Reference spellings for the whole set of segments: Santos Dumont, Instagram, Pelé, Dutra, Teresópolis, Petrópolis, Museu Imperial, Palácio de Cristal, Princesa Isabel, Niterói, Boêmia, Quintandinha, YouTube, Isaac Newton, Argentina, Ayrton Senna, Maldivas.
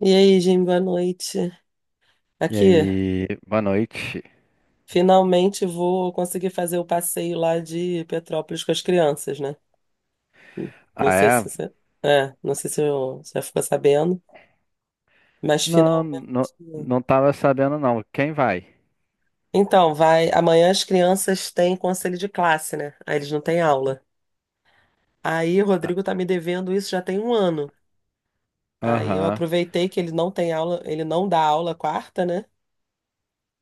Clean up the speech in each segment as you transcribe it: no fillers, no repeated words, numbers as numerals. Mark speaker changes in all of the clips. Speaker 1: E aí, Jim, boa noite.
Speaker 2: E
Speaker 1: Aqui,
Speaker 2: aí, boa noite.
Speaker 1: finalmente vou conseguir fazer o passeio lá de Petrópolis com as crianças, né? Hum, Não
Speaker 2: Ah,
Speaker 1: sei se
Speaker 2: é?
Speaker 1: você, não sei se você ficou sabendo, mas
Speaker 2: Não,
Speaker 1: finalmente.
Speaker 2: não, não tava sabendo não. Quem vai?
Speaker 1: Então, vai, amanhã as crianças têm conselho de classe, né? Aí eles não têm aula. Aí o
Speaker 2: Ah.
Speaker 1: Rodrigo tá me devendo isso já tem um ano. Aí eu
Speaker 2: Aham.
Speaker 1: aproveitei que ele não tem aula, ele não dá aula quarta, né?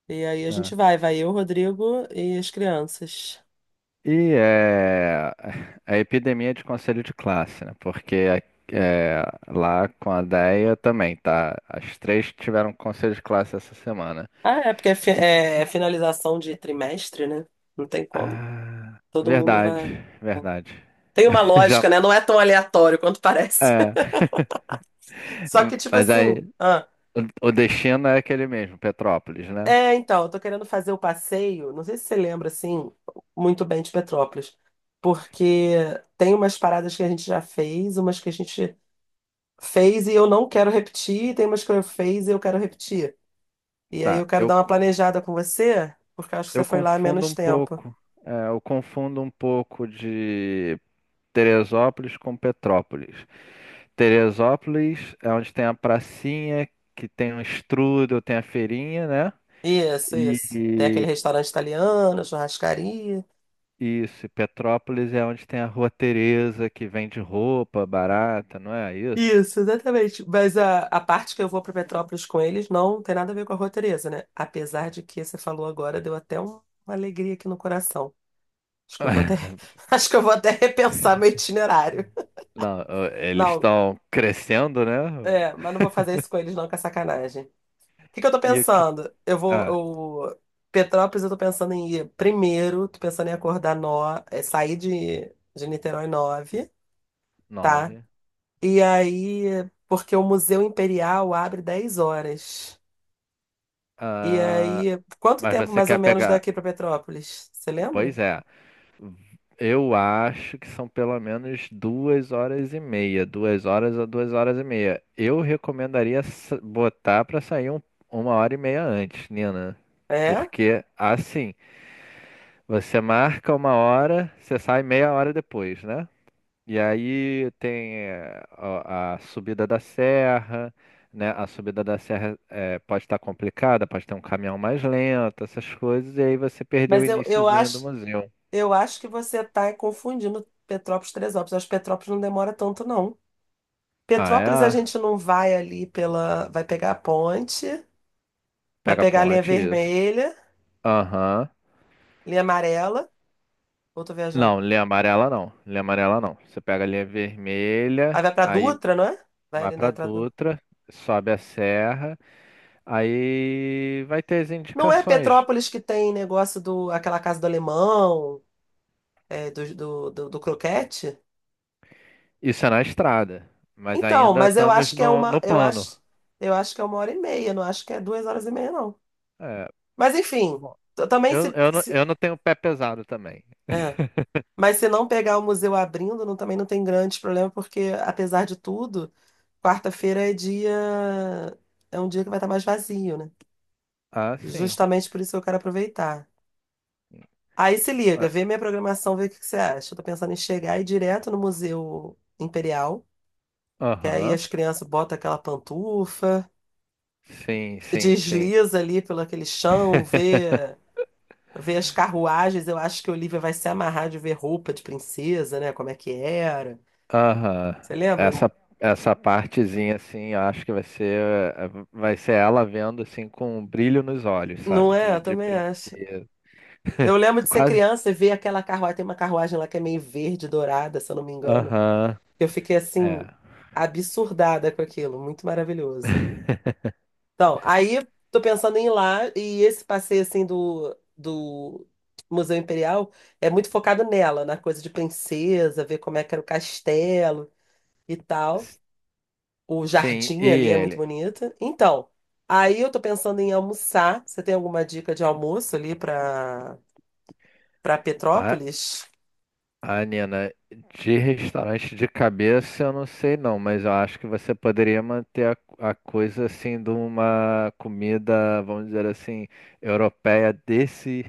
Speaker 1: E aí a gente
Speaker 2: Né.
Speaker 1: vai, vai eu, Rodrigo e as crianças.
Speaker 2: E é a epidemia de conselho de classe, né? Porque é, lá com a Deia também, tá? As três tiveram conselho de classe essa semana.
Speaker 1: Ah, é porque é finalização de trimestre, né? Não tem como.
Speaker 2: Ah,
Speaker 1: Todo mundo vai. É.
Speaker 2: verdade, verdade.
Speaker 1: Tem uma
Speaker 2: Já,
Speaker 1: lógica, né? Não é tão aleatório quanto parece.
Speaker 2: é.
Speaker 1: Só que, tipo
Speaker 2: Mas aí,
Speaker 1: assim. Ah,
Speaker 2: o o destino é aquele mesmo, Petrópolis, né?
Speaker 1: é, então, eu tô querendo fazer o passeio. Não sei se você lembra, assim, muito bem de Petrópolis. Porque tem umas paradas que a gente já fez, umas que a gente fez e eu não quero repetir, e tem umas que eu fiz e eu quero repetir. E aí
Speaker 2: Tá,
Speaker 1: eu quero
Speaker 2: eu.
Speaker 1: dar uma planejada com você, porque eu acho que você
Speaker 2: Eu
Speaker 1: foi lá há
Speaker 2: confundo
Speaker 1: menos
Speaker 2: um
Speaker 1: tempo.
Speaker 2: pouco. É, eu confundo um pouco de Teresópolis com Petrópolis. Teresópolis é onde tem a pracinha, que tem um strudel, tem a feirinha, né?
Speaker 1: Isso, isso. Tem aquele
Speaker 2: E
Speaker 1: restaurante italiano, churrascaria.
Speaker 2: e isso, e Petrópolis é onde tem a Rua Teresa, que vende roupa barata, não é isso?
Speaker 1: Isso, exatamente. Mas a parte que eu vou para Petrópolis com eles não tem nada a ver com a Rua Teresa, né? Apesar de que você falou agora, deu até uma alegria aqui no coração. Acho que eu vou até, acho que eu vou até repensar meu itinerário.
Speaker 2: Não, eles
Speaker 1: Não,
Speaker 2: estão crescendo, né?
Speaker 1: mas não vou fazer isso com eles não, que é sacanagem. O que que eu tô
Speaker 2: E o que.
Speaker 1: pensando? Eu vou,
Speaker 2: Ah,
Speaker 1: eu- Petrópolis, eu tô pensando em ir primeiro, tô pensando em acordar sair de Niterói nove, tá?
Speaker 2: nove.
Speaker 1: E aí, porque o Museu Imperial abre 10 horas. E
Speaker 2: Ah,
Speaker 1: aí, quanto
Speaker 2: mas
Speaker 1: tempo
Speaker 2: você
Speaker 1: mais ou
Speaker 2: quer
Speaker 1: menos
Speaker 2: pegar.
Speaker 1: daqui para Petrópolis? Você lembra?
Speaker 2: Pois é. Eu acho que são pelo menos 2 horas e meia, 2 horas a 2 horas e meia. Eu recomendaria botar pra sair 1 hora e meia antes, Nina,
Speaker 1: É?
Speaker 2: porque assim você marca 1 hora, você sai meia hora depois, né? E aí tem a subida da serra, né? A subida da serra pode estar complicada, pode ter um caminhão mais lento, essas coisas, e aí você perdeu o
Speaker 1: Mas
Speaker 2: iniciozinho do museu.
Speaker 1: eu acho que você está confundindo Petrópolis e Teresópolis. Eu acho que Petrópolis não demora tanto, não.
Speaker 2: Ah,
Speaker 1: Petrópolis a
Speaker 2: é?
Speaker 1: gente não vai ali pela. Vai pegar a ponte, vai
Speaker 2: Pega a
Speaker 1: pegar a linha
Speaker 2: ponte, isso.
Speaker 1: vermelha,
Speaker 2: Aham.
Speaker 1: linha amarela. Ou tô
Speaker 2: Não,
Speaker 1: viajando?
Speaker 2: linha amarela não. Linha amarela não. Você pega a linha
Speaker 1: Aí
Speaker 2: vermelha,
Speaker 1: vai para
Speaker 2: aí
Speaker 1: Dutra, não é? Vai
Speaker 2: vai
Speaker 1: ali na
Speaker 2: pra
Speaker 1: entrada.
Speaker 2: Dutra, sobe a serra, aí vai ter as
Speaker 1: Não é
Speaker 2: indicações.
Speaker 1: Petrópolis que tem negócio do aquela casa do alemão? Do croquete.
Speaker 2: Isso é na estrada, mas
Speaker 1: Então,
Speaker 2: ainda
Speaker 1: mas eu
Speaker 2: estamos
Speaker 1: acho que é
Speaker 2: no,
Speaker 1: uma,
Speaker 2: no plano.
Speaker 1: eu acho que é uma hora e meia, não acho que é 2 horas e meia, não.
Speaker 2: É,
Speaker 1: Mas enfim,
Speaker 2: bom,
Speaker 1: também
Speaker 2: eu não tenho pé pesado também.
Speaker 1: é. Mas se não pegar o museu abrindo, também não tem grande problema, porque apesar de tudo, quarta-feira é dia, é um dia que vai estar mais vazio, né?
Speaker 2: Ah, sim.
Speaker 1: Justamente por isso que eu quero aproveitar. Aí se liga,
Speaker 2: Ah,
Speaker 1: vê minha programação, vê o que que você acha. Eu tô pensando em chegar e ir direto no Museu Imperial, que aí
Speaker 2: aham.
Speaker 1: as crianças botam aquela pantufa.
Speaker 2: Sim, sim, sim.
Speaker 1: Desliza ali pelo aquele chão, vê as carruagens. Eu acho que a Olivia vai se amarrar de ver roupa de princesa, né? Como é que era.
Speaker 2: Aham.
Speaker 1: Você lembra?
Speaker 2: Essa, essa partezinha, assim, eu acho que vai ser ela vendo, assim, com um brilho nos olhos,
Speaker 1: Não
Speaker 2: sabe?
Speaker 1: é?
Speaker 2: De,
Speaker 1: Eu
Speaker 2: de
Speaker 1: também acho.
Speaker 2: princesa.
Speaker 1: Eu lembro de ser
Speaker 2: Quase.
Speaker 1: criança e ver aquela carruagem. Tem uma carruagem lá que é meio verde, dourada, se eu não me engano.
Speaker 2: Aham.
Speaker 1: Eu fiquei assim,
Speaker 2: É.
Speaker 1: absurdada com aquilo. Muito maravilhoso. Então, aí tô pensando em ir lá, e esse passeio assim do Museu Imperial é muito focado nela, na coisa de princesa, ver como é que era o castelo e tal.
Speaker 2: S-
Speaker 1: O
Speaker 2: Sim, e
Speaker 1: jardim ali é muito
Speaker 2: ele?
Speaker 1: bonito. Então, aí eu tô pensando em almoçar. Você tem alguma dica de almoço ali para
Speaker 2: A,
Speaker 1: Petrópolis?
Speaker 2: a Nina, de restaurante de cabeça, eu não sei não, mas eu acho que você poderia manter a coisa assim de uma comida, vamos dizer assim, europeia desse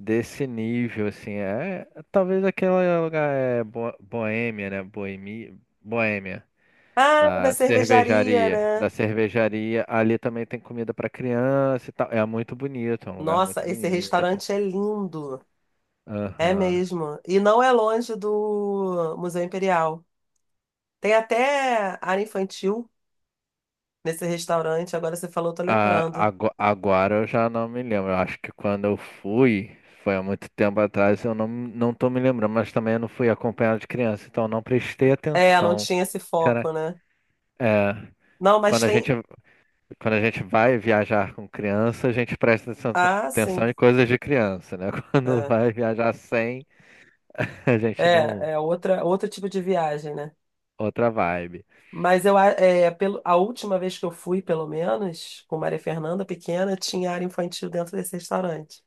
Speaker 2: desse nível, assim, talvez aquele lugar é Boêmia, né? Boêmia,
Speaker 1: Ah, da
Speaker 2: da
Speaker 1: cervejaria,
Speaker 2: cervejaria, da
Speaker 1: né?
Speaker 2: cervejaria. Ali também tem comida para criança e tal. É muito bonito, é um lugar muito
Speaker 1: Nossa, esse
Speaker 2: bonito.
Speaker 1: restaurante é lindo. É
Speaker 2: Aham.
Speaker 1: mesmo. E não é longe do Museu Imperial. Tem até área infantil nesse restaurante, agora você falou, tô
Speaker 2: Ah,
Speaker 1: lembrando.
Speaker 2: agora eu já não me lembro. Eu acho que quando eu fui, foi há muito tempo atrás, eu não tô me lembrando, mas também eu não fui acompanhado de criança, então eu não prestei
Speaker 1: É, não
Speaker 2: atenção.
Speaker 1: tinha esse
Speaker 2: Será?
Speaker 1: foco, né?
Speaker 2: É,
Speaker 1: Não,
Speaker 2: quando
Speaker 1: mas
Speaker 2: a
Speaker 1: tem.
Speaker 2: gente vai viajar com criança, a gente presta atenção
Speaker 1: Ah, sim.
Speaker 2: atenção em coisas de criança, né? Quando
Speaker 1: É,
Speaker 2: vai viajar sem, a gente não.
Speaker 1: outra, outro tipo de viagem, né?
Speaker 2: Outra vibe.
Speaker 1: Mas eu, é, pelo, a última vez que eu fui, pelo menos, com Maria Fernanda pequena, tinha área infantil dentro desse restaurante.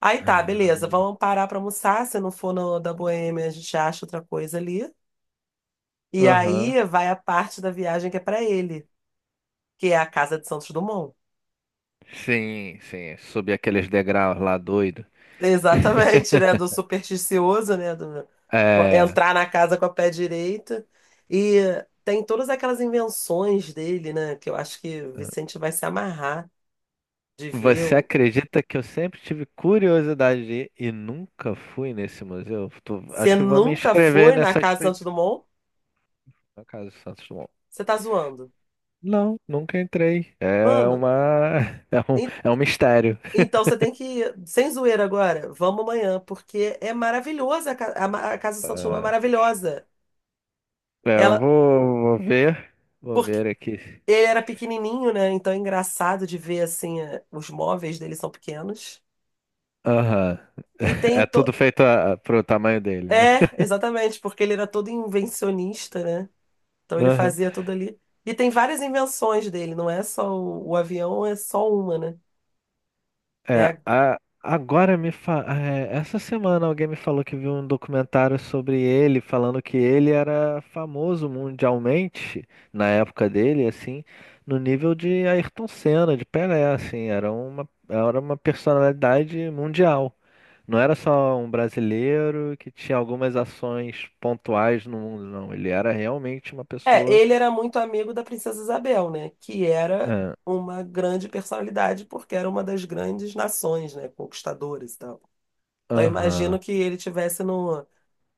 Speaker 1: Aí tá,
Speaker 2: Ah,
Speaker 1: beleza, vamos parar pra almoçar. Se não for no da Boêmia, a gente acha outra coisa ali. E
Speaker 2: aham.
Speaker 1: aí vai a parte da viagem que é pra ele, que é a casa de Santos Dumont.
Speaker 2: Sim, sim. Subir aqueles degraus lá doido.
Speaker 1: Exatamente, né? Do supersticioso, né? Do
Speaker 2: É.
Speaker 1: entrar na casa com a pé direito. E tem todas aquelas invenções dele, né? Que eu acho que o Vicente vai se amarrar de ver.
Speaker 2: Você acredita que eu sempre tive curiosidade de ir e nunca fui nesse museu?
Speaker 1: Você
Speaker 2: Acho que vou me
Speaker 1: nunca
Speaker 2: inscrever
Speaker 1: foi na
Speaker 2: nessa
Speaker 1: casa Santos
Speaker 2: expedição
Speaker 1: Dumont?
Speaker 2: na Casa do Santos Dumont.
Speaker 1: Você tá zoando.
Speaker 2: Não, nunca entrei. É
Speaker 1: Mano,
Speaker 2: uma. É um,
Speaker 1: en-
Speaker 2: é um mistério.
Speaker 1: então você tem que ir. Sem zoeira agora, vamos amanhã, porque é maravilhosa. A ca- a ma- a casa Santos Dumont é
Speaker 2: É.
Speaker 1: maravilhosa.
Speaker 2: É, eu
Speaker 1: Ela.
Speaker 2: vou ver. Vou
Speaker 1: Porque
Speaker 2: ver aqui.
Speaker 1: ele era pequenininho, né? Então é engraçado de ver assim, os móveis dele são pequenos.
Speaker 2: Aham.
Speaker 1: E tem.
Speaker 2: É tudo feito pro tamanho dele, né?
Speaker 1: É, exatamente, porque ele era todo invencionista, né? Então ele
Speaker 2: Aham.
Speaker 1: fazia tudo ali. E tem várias invenções dele, não é só o avião, é só uma, né? É,
Speaker 2: É,
Speaker 1: a-
Speaker 2: agora essa semana alguém me falou que viu um documentário sobre ele, falando que ele era famoso mundialmente na época dele, assim, no nível de Ayrton Senna, de Pelé, assim, era uma personalidade mundial. Não era só um brasileiro que tinha algumas ações pontuais no mundo, não. Ele era realmente uma pessoa.
Speaker 1: ele era muito amigo da Princesa Isabel, né? Que era
Speaker 2: Ah,
Speaker 1: uma grande personalidade, porque era uma das grandes nações, né? Conquistadoras e tal. Então eu imagino
Speaker 2: aham.
Speaker 1: que ele tivesse no,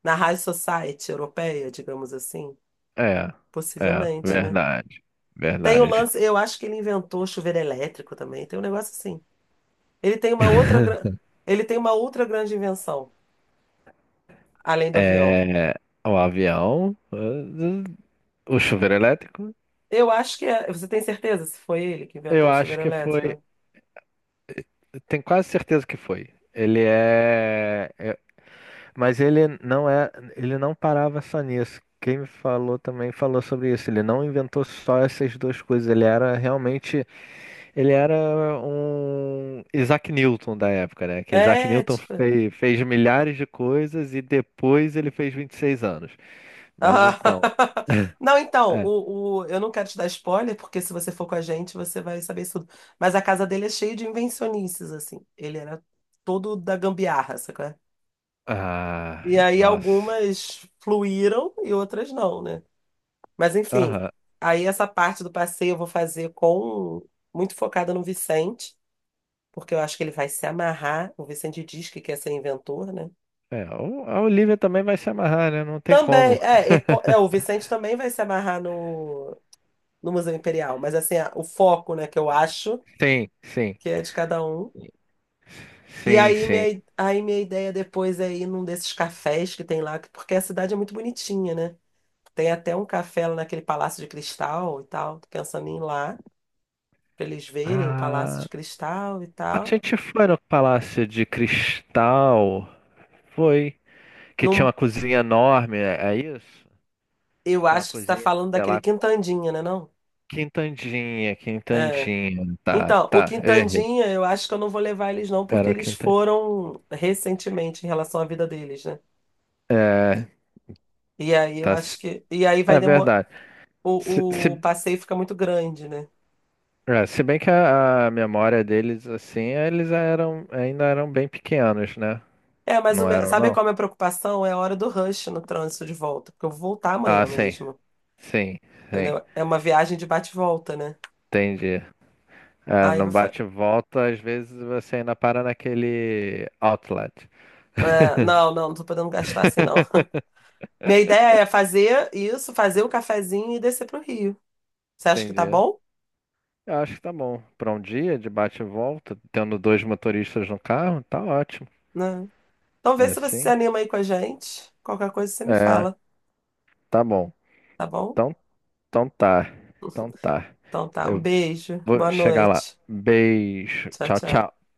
Speaker 1: na High Society europeia, digamos assim.
Speaker 2: É, é,
Speaker 1: Possivelmente, né?
Speaker 2: verdade.
Speaker 1: Tem o
Speaker 2: Verdade.
Speaker 1: lance, eu acho que ele inventou chuveiro elétrico também, tem um negócio assim. Ele tem uma outra, ele tem uma outra grande invenção, além do avião.
Speaker 2: É, o avião, o chuveiro elétrico,
Speaker 1: Eu acho que é. Você tem certeza se foi ele que
Speaker 2: eu
Speaker 1: inventou o
Speaker 2: acho
Speaker 1: chuveiro
Speaker 2: que foi.
Speaker 1: elétrico?
Speaker 2: Tenho quase certeza que foi. Mas ele não é. Ele não parava só nisso. Quem me falou também falou sobre isso. Ele não inventou só essas duas coisas. Ele era realmente Ele era um Isaac Newton da época, né? Que Isaac
Speaker 1: É,
Speaker 2: Newton
Speaker 1: tipo.
Speaker 2: fez, milhares de coisas e depois ele fez 26 anos. Mas
Speaker 1: Ah.
Speaker 2: então,
Speaker 1: Não, então,
Speaker 2: é.
Speaker 1: eu não quero te dar spoiler, porque se você for com a gente, você vai saber isso tudo. Mas a casa dele é cheia de invencionices, assim. Ele era todo da gambiarra, sacou?
Speaker 2: Ah,
Speaker 1: E aí
Speaker 2: nossa.
Speaker 1: algumas fluíram e outras não, né? Mas enfim,
Speaker 2: Aham.
Speaker 1: aí essa parte do passeio eu vou fazer com muito focada no Vicente. Porque eu acho que ele vai se amarrar. O Vicente diz que quer ser inventor, né?
Speaker 2: É, a Olivia também vai se amarrar, né? Não tem
Speaker 1: Também,
Speaker 2: como.
Speaker 1: o Vicente também vai se amarrar no Museu Imperial, mas assim, o foco, né, que eu acho
Speaker 2: Sim, sim.
Speaker 1: que é de cada um. E
Speaker 2: Sim,
Speaker 1: aí
Speaker 2: sim.
Speaker 1: minha ideia depois é ir num desses cafés que tem lá, que- porque a cidade é muito bonitinha, né? Tem até um café lá naquele Palácio de Cristal e tal, tô pensando em ir lá, pra eles verem o Palácio
Speaker 2: Ah,
Speaker 1: de Cristal e
Speaker 2: a
Speaker 1: tal.
Speaker 2: gente foi no Palácio de Cristal, foi, que tinha uma
Speaker 1: Num,
Speaker 2: cozinha enorme, é isso? Que
Speaker 1: eu
Speaker 2: tem uma
Speaker 1: acho que você tá
Speaker 2: cozinha,
Speaker 1: falando
Speaker 2: sei
Speaker 1: daquele
Speaker 2: lá,
Speaker 1: Quintandinha, né, não?
Speaker 2: Quintandinha,
Speaker 1: É.
Speaker 2: Quintandinha. Tá,
Speaker 1: Então, o
Speaker 2: tá, errei.
Speaker 1: Quintandinha, eu acho que eu não vou levar eles não, porque
Speaker 2: Era o
Speaker 1: eles
Speaker 2: Quintandinha.
Speaker 1: foram recentemente em relação à vida deles, né?
Speaker 2: É,
Speaker 1: E aí eu
Speaker 2: tá.
Speaker 1: acho que. E aí vai
Speaker 2: É
Speaker 1: demorar.
Speaker 2: verdade. Se,
Speaker 1: O
Speaker 2: se,
Speaker 1: passeio fica muito grande, né?
Speaker 2: Se bem que a memória deles, assim, eles eram, ainda eram bem pequenos, né?
Speaker 1: É, mas
Speaker 2: Não eram,
Speaker 1: sabe
Speaker 2: não?
Speaker 1: qual é a minha preocupação? É a hora do rush no trânsito de volta, porque eu vou voltar
Speaker 2: Ah,
Speaker 1: amanhã
Speaker 2: sim,
Speaker 1: mesmo,
Speaker 2: sim, sim.
Speaker 1: entendeu? É uma viagem de bate e volta, né?
Speaker 2: Entendi. É,
Speaker 1: Aí eu
Speaker 2: no
Speaker 1: vou.
Speaker 2: bate-volta, às vezes você ainda para naquele outlet.
Speaker 1: É, não, não, não tô podendo gastar assim, não. Minha ideia é fazer isso, fazer o cafezinho e descer pro Rio. Você acha que tá
Speaker 2: Entendi.
Speaker 1: bom?
Speaker 2: Eu acho que tá bom. Para um dia de bate-volta, tendo dois motoristas no carro, tá ótimo.
Speaker 1: Né? Então vê se você se
Speaker 2: Assim.
Speaker 1: anima aí com a gente. Qualquer coisa você me
Speaker 2: É.
Speaker 1: fala,
Speaker 2: Tá bom.
Speaker 1: tá bom?
Speaker 2: Então, então tá. Então tá.
Speaker 1: Então tá, um
Speaker 2: Eu
Speaker 1: beijo,
Speaker 2: vou
Speaker 1: boa
Speaker 2: chegar lá.
Speaker 1: noite.
Speaker 2: Beijo.
Speaker 1: Tchau,
Speaker 2: Tchau,
Speaker 1: tchau.
Speaker 2: tchau.